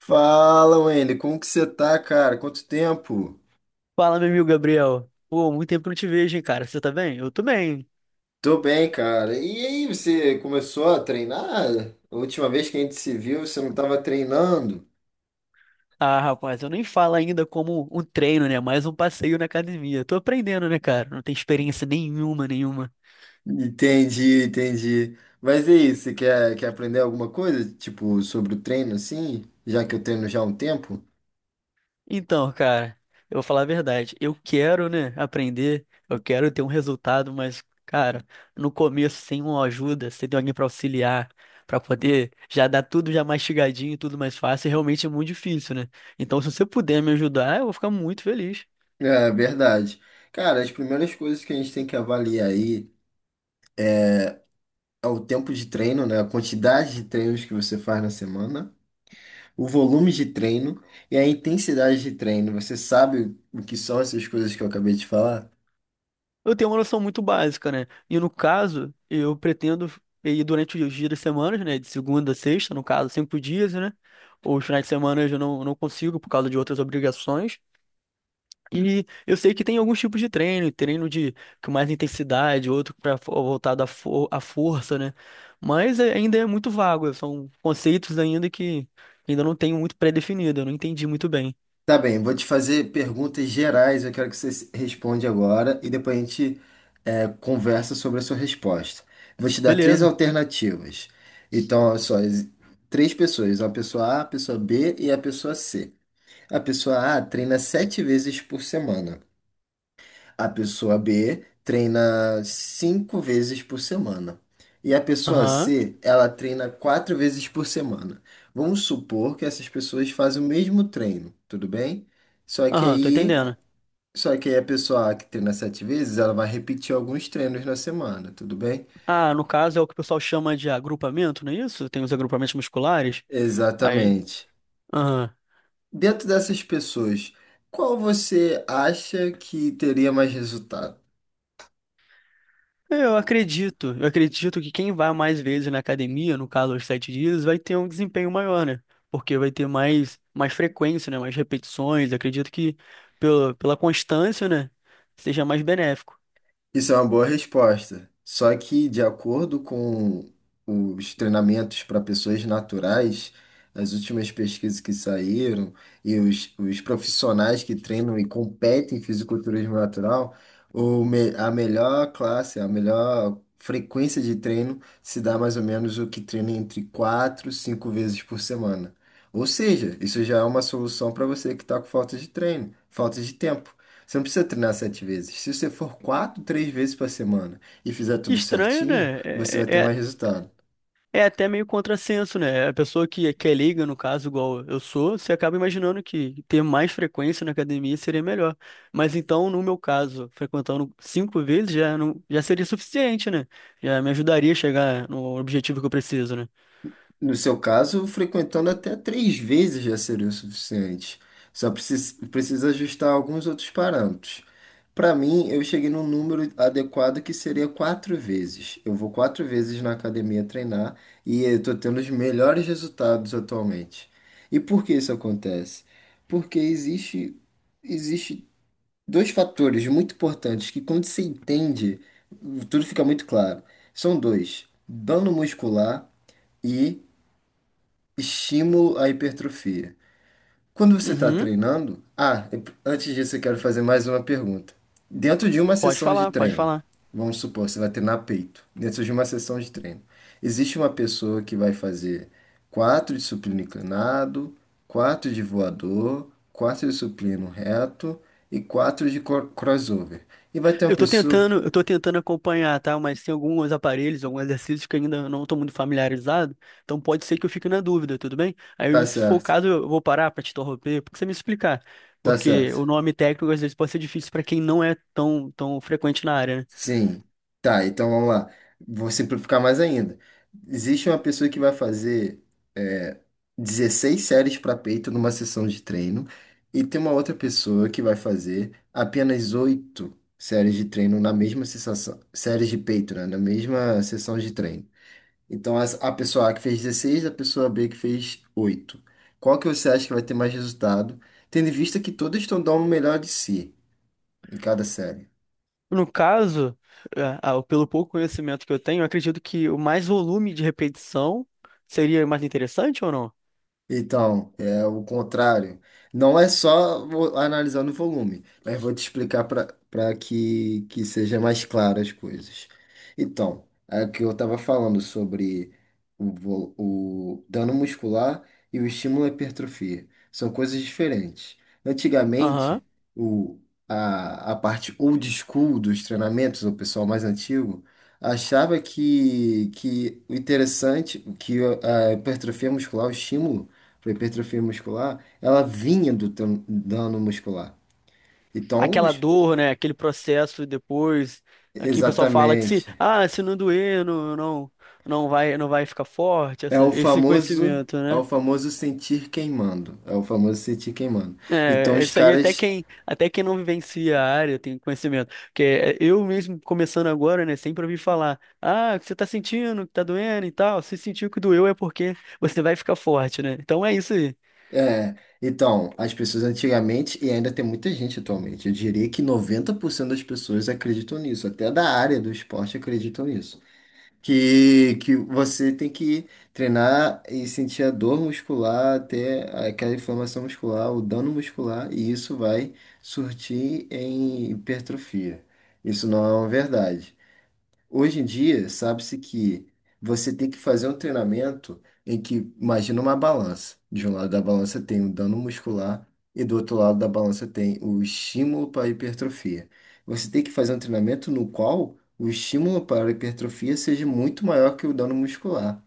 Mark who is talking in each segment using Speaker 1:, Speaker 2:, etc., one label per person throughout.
Speaker 1: Fala, Wendy, como que você tá, cara? Quanto tempo?
Speaker 2: Fala, meu amigo Gabriel. Pô, muito tempo que eu não te vejo, hein, cara. Você tá bem? Eu tô bem.
Speaker 1: Tô bem, cara. E aí, você começou a treinar? A última vez que a gente se viu, você não tava treinando?
Speaker 2: Ah, rapaz, eu nem falo ainda como um treino, né? Mais um passeio na academia. Tô aprendendo, né, cara? Não tenho experiência nenhuma, nenhuma.
Speaker 1: Entendi, entendi. Mas e aí, você quer, aprender alguma coisa, tipo, sobre o treino, assim? Já que eu treino já há um tempo?
Speaker 2: Então, cara, eu vou falar a verdade. Eu quero, né, aprender. Eu quero ter um resultado, mas, cara, no começo, sem uma ajuda, sem ter alguém pra auxiliar, pra poder já dar tudo já mastigadinho, tudo mais fácil, realmente é muito difícil, né? Então, se você puder me ajudar, eu vou ficar muito feliz.
Speaker 1: É, verdade. Cara, as primeiras coisas que a gente tem que avaliar aí é o tempo de treino, né? A quantidade de treinos que você faz na semana, o volume de treino e a intensidade de treino. Você sabe o que são essas coisas que eu acabei de falar?
Speaker 2: Eu tenho uma noção muito básica, né? E no caso, eu pretendo ir durante os dias das semanas, né? De segunda a sexta, no caso, 5 dias, né? Os finais de semana eu já não consigo por causa de outras obrigações. E eu sei que tem alguns tipos de treino, treino de com mais intensidade, outro para voltado à, for, à força, né? Mas é- ainda é muito vago, são conceitos ainda que ainda não tenho muito pré-definido, eu não entendi muito bem.
Speaker 1: Tá bem, vou te fazer perguntas gerais. Eu quero que você responda agora e depois a gente conversa sobre a sua resposta. Vou te dar três
Speaker 2: Beleza.
Speaker 1: alternativas. Então, olha só, três pessoas: a pessoa A, a pessoa B e a pessoa C. A pessoa A treina sete vezes por semana. A pessoa B treina cinco vezes por semana. E a pessoa
Speaker 2: Aham,
Speaker 1: C, ela treina quatro vezes por semana. Vamos supor que essas pessoas fazem o mesmo treino, tudo bem? Só que
Speaker 2: aham, tô
Speaker 1: aí,
Speaker 2: entendendo.
Speaker 1: só que aí a pessoa A que treina sete vezes, ela vai repetir alguns treinos na semana, tudo bem?
Speaker 2: Ah, no caso é o que o pessoal chama de agrupamento, não é isso? Tem os agrupamentos musculares. Aí,
Speaker 1: Exatamente.
Speaker 2: aham.
Speaker 1: Dentro dessas pessoas, qual você acha que teria mais resultado?
Speaker 2: Eu acredito que quem vai mais vezes na academia, no caso aos 7 dias, vai ter um desempenho maior, né? Porque vai ter mais, mais frequência, né? Mais repetições. Acredito que pela constância, né? Seja mais benéfico.
Speaker 1: Isso é uma boa resposta. Só que, de acordo com os treinamentos para pessoas naturais, as últimas pesquisas que saíram e os profissionais que treinam e competem em fisiculturismo natural, a melhor classe, a melhor frequência de treino se dá mais ou menos o que treina entre quatro e 5 vezes por semana. Ou seja, isso já é uma solução para você que está com falta de treino, falta de tempo. Você não precisa treinar sete vezes. Se você for quatro, três vezes por semana e fizer tudo
Speaker 2: Estranho,
Speaker 1: certinho,
Speaker 2: né?
Speaker 1: você vai ter mais resultado.
Speaker 2: É até meio contrassenso, né? A pessoa que é leiga, no caso, igual eu sou, você acaba imaginando que ter mais frequência na academia seria melhor. Mas então, no meu caso, frequentando 5 vezes já, não, já seria suficiente, né? Já me ajudaria a chegar no objetivo que eu preciso, né?
Speaker 1: No seu caso, frequentando até três vezes já seria o suficiente. Só precisa ajustar alguns outros parâmetros. Para mim, eu cheguei num número adequado que seria quatro vezes. Eu vou quatro vezes na academia treinar e eu estou tendo os melhores resultados atualmente. E por que isso acontece? Porque existe dois fatores muito importantes que, quando você entende, tudo fica muito claro. São dois: dano muscular e estímulo à hipertrofia. Quando você está
Speaker 2: Uhum,
Speaker 1: treinando, antes disso eu quero fazer mais uma pergunta. Dentro de uma
Speaker 2: pode
Speaker 1: sessão de
Speaker 2: falar, pode
Speaker 1: treino,
Speaker 2: falar.
Speaker 1: vamos supor, você vai treinar peito. Dentro de uma sessão de treino, existe uma pessoa que vai fazer quatro de supino inclinado, quatro de voador, quatro de supino reto e quatro de crossover. E vai ter uma
Speaker 2: Eu tô
Speaker 1: pessoa.
Speaker 2: tentando, eu tô tentando acompanhar, tá? Mas tem alguns aparelhos, alguns exercícios que ainda eu não tô muito familiarizado, então pode ser que eu fique na dúvida, tudo bem?
Speaker 1: Tá
Speaker 2: Aí, se for o
Speaker 1: certo,
Speaker 2: caso, eu vou parar pra te interromper, porque você me explicar.
Speaker 1: tá
Speaker 2: Porque o
Speaker 1: certo.
Speaker 2: nome técnico às vezes pode ser difícil pra quem não é tão, tão frequente na área, né?
Speaker 1: Sim. Tá, então vamos lá. Vou simplificar mais ainda. Existe uma pessoa que vai fazer é, 16 séries para peito numa sessão de treino, e tem uma outra pessoa que vai fazer apenas 8 séries de treino na mesma sessão, séries de peito, né, na mesma sessão de treino. Então a pessoa A que fez 16, a pessoa B que fez 8. Qual que você acha que vai ter mais resultado, tendo em vista que todas estão dando o melhor de si em cada série?
Speaker 2: No caso, pelo pouco conhecimento que eu tenho, eu acredito que o mais volume de repetição seria mais interessante ou não?
Speaker 1: Então, é o contrário. Não é só analisando o volume, mas vou te explicar para que seja mais claro as coisas. Então, é o que eu estava falando sobre o dano muscular e o estímulo à hipertrofia. São coisas diferentes.
Speaker 2: Aham.
Speaker 1: Antigamente, o, a parte old school dos treinamentos, o pessoal mais antigo, achava que o interessante, que a hipertrofia muscular, o estímulo, para hipertrofia muscular, ela vinha do dano muscular. Então,
Speaker 2: Aquela dor, né? Aquele processo depois. Aqui o pessoal fala que se,
Speaker 1: exatamente.
Speaker 2: ah, se não doer, não vai, não vai ficar forte,
Speaker 1: É
Speaker 2: essa-
Speaker 1: o
Speaker 2: esse
Speaker 1: famoso,
Speaker 2: conhecimento,
Speaker 1: é o
Speaker 2: né?
Speaker 1: famoso sentir queimando. É o famoso sentir queimando. Então,
Speaker 2: É, isso aí até quem não vivencia a área tem conhecimento. Porque é, eu mesmo começando agora, né, sempre ouvi falar, ah, o que você tá sentindo, que tá doendo e tal. Se sentiu que doeu é porque você vai ficar forte, né? Então é isso aí.
Speaker 1: é, as pessoas antigamente, e ainda tem muita gente atualmente, eu diria que 90% das pessoas acreditam nisso, até da área do esporte acreditam nisso. Que você tem que treinar e sentir a dor muscular, até aquela inflamação muscular, o dano muscular, e isso vai surtir em hipertrofia. Isso não é uma verdade. Hoje em dia, sabe-se que você tem que fazer um treinamento em que, imagina uma balança. De um lado da balança tem o dano muscular e do outro lado da balança tem o estímulo para a hipertrofia. Você tem que fazer um treinamento no qual o estímulo para a hipertrofia seja muito maior que o dano muscular.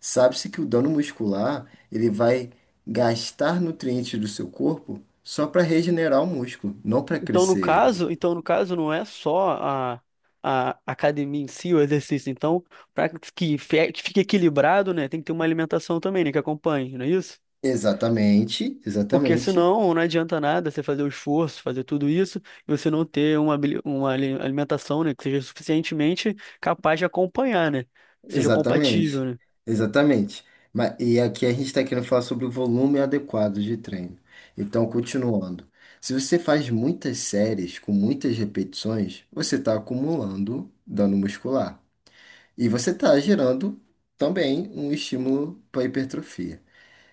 Speaker 1: Sabe-se que o dano muscular, ele vai gastar nutrientes do seu corpo só para regenerar o músculo, não para
Speaker 2: Então, no
Speaker 1: crescer ele.
Speaker 2: caso, então, no caso, não é só a academia em si, o exercício. Então, para que fe- que fique equilibrado, né, tem que ter uma alimentação também, né, que acompanhe, não é isso?
Speaker 1: Exatamente,
Speaker 2: Porque
Speaker 1: exatamente.
Speaker 2: senão não adianta nada você fazer o esforço, fazer tudo isso, e você não ter uma, habili- uma ali- alimentação, né, que seja suficientemente capaz de acompanhar, né? Que seja
Speaker 1: Exatamente,
Speaker 2: compatível, né?
Speaker 1: exatamente. Mas, e aqui a gente está querendo falar sobre o volume adequado de treino. Então, continuando. Se você faz muitas séries com muitas repetições, você está acumulando dano muscular. E você está gerando também um estímulo para hipertrofia.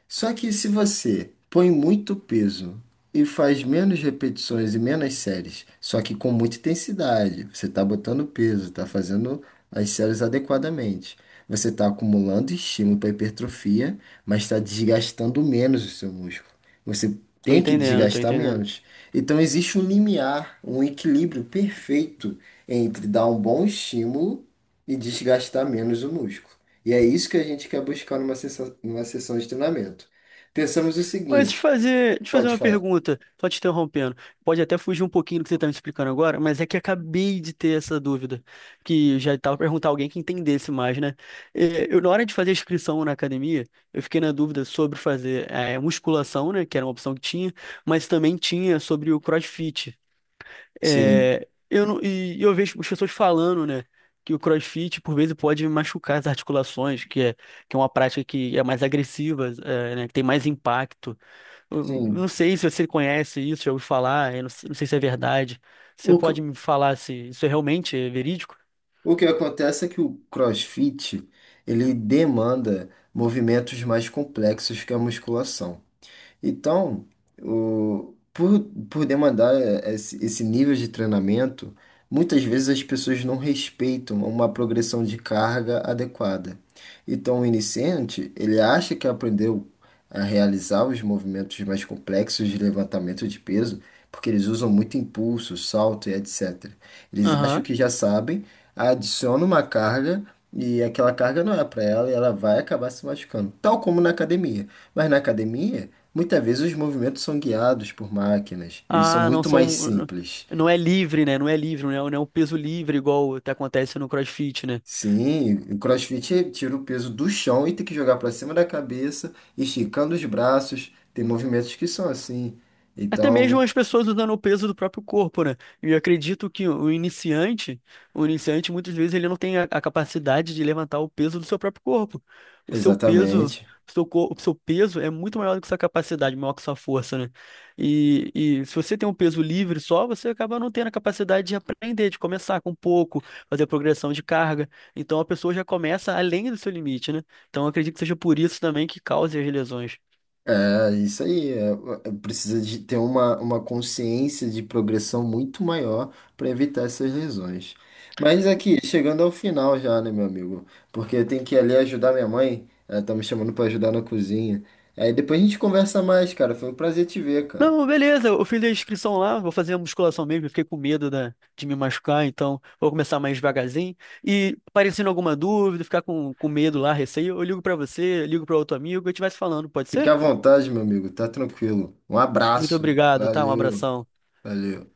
Speaker 1: Só que se você põe muito peso e faz menos repetições e menos séries, só que com muita intensidade, você está botando peso, está fazendo as séries adequadamente. Você está acumulando estímulo para hipertrofia, mas está desgastando menos o seu músculo. Você
Speaker 2: Tô
Speaker 1: tem que
Speaker 2: entendendo, tô
Speaker 1: desgastar
Speaker 2: entendendo.
Speaker 1: menos. Então existe um limiar, um equilíbrio perfeito entre dar um bom estímulo e desgastar menos o músculo. E é isso que a gente quer buscar numa sessão de treinamento. Pensamos o
Speaker 2: Mas te
Speaker 1: seguinte,
Speaker 2: fazer, te fazer
Speaker 1: pode
Speaker 2: uma
Speaker 1: falar.
Speaker 2: pergunta, só te interrompendo. Pode até fugir um pouquinho do que você está me explicando agora, mas é que acabei de ter essa dúvida, que já estava perguntar a alguém que entendesse mais, né? É, eu, na hora de fazer a inscrição na academia, eu fiquei na dúvida sobre fazer é, musculação, né, que era uma opção que tinha, mas também tinha sobre o CrossFit.
Speaker 1: Sim,
Speaker 2: É, eu não- e eu vejo as pessoas falando, né, que o CrossFit por vezes pode machucar as articulações, que é uma prática que é mais agressiva, é, né, que tem mais impacto. Eu não
Speaker 1: sim.
Speaker 2: sei se você conhece isso, já ouviu falar, eu não sei se é verdade. Você
Speaker 1: O,
Speaker 2: pode
Speaker 1: cro-
Speaker 2: me falar se isso é realmente é verídico?
Speaker 1: o que acontece é que o CrossFit, ele demanda movimentos mais complexos que a musculação. Então, o, por, por demandar esse nível de treinamento, muitas vezes as pessoas não respeitam uma progressão de carga adequada. Então, o iniciante, ele acha que aprendeu a realizar os movimentos mais complexos de levantamento de peso, porque eles usam muito impulso, salto e etc. Eles acham
Speaker 2: Aham.
Speaker 1: que já sabem, adicionam uma carga e aquela carga não é para ela e ela vai acabar se machucando, tal como na academia. Mas na academia, muitas vezes os movimentos são guiados por máquinas, eles são
Speaker 2: Ah, não
Speaker 1: muito mais
Speaker 2: são.
Speaker 1: simples.
Speaker 2: Não é livre, né? Não é livre, não é um peso livre igual até acontece no CrossFit, né?
Speaker 1: Sim, o CrossFit tira o peso do chão e tem que jogar para cima da cabeça, esticando os braços. Tem movimentos que são assim.
Speaker 2: Até mesmo
Speaker 1: Então,
Speaker 2: as pessoas usando o peso do próprio corpo, né? E eu acredito que o iniciante muitas vezes ele não tem a capacidade de levantar o peso do seu próprio corpo. O seu peso,
Speaker 1: exatamente.
Speaker 2: o seu, cor- o seu peso é muito maior do que sua capacidade, maior que sua força, né? E se você tem um peso livre só, você acaba não tendo a capacidade de aprender, de começar com pouco, fazer progressão de carga. Então a pessoa já começa além do seu limite, né? Então eu acredito que seja por isso também que cause as lesões.
Speaker 1: É isso aí, precisa de ter uma consciência de progressão muito maior para evitar essas lesões. Mas aqui, chegando ao final já, né, meu amigo? Porque eu tenho que ir ali ajudar minha mãe, ela tá me chamando para ajudar na cozinha. Aí depois a gente conversa mais, cara. Foi um prazer te ver, cara.
Speaker 2: Não, beleza, eu fiz a inscrição lá, vou fazer a musculação mesmo, eu fiquei com medo da- de me machucar, então vou começar mais devagarzinho. E aparecendo alguma dúvida, ficar com medo lá, receio, eu ligo pra você, ligo para outro amigo, e a gente vai se falando, pode
Speaker 1: Fique
Speaker 2: ser?
Speaker 1: à vontade, meu amigo, tá tranquilo. Um
Speaker 2: Muito
Speaker 1: abraço,
Speaker 2: obrigado, tá? Um
Speaker 1: valeu,
Speaker 2: abração.
Speaker 1: valeu.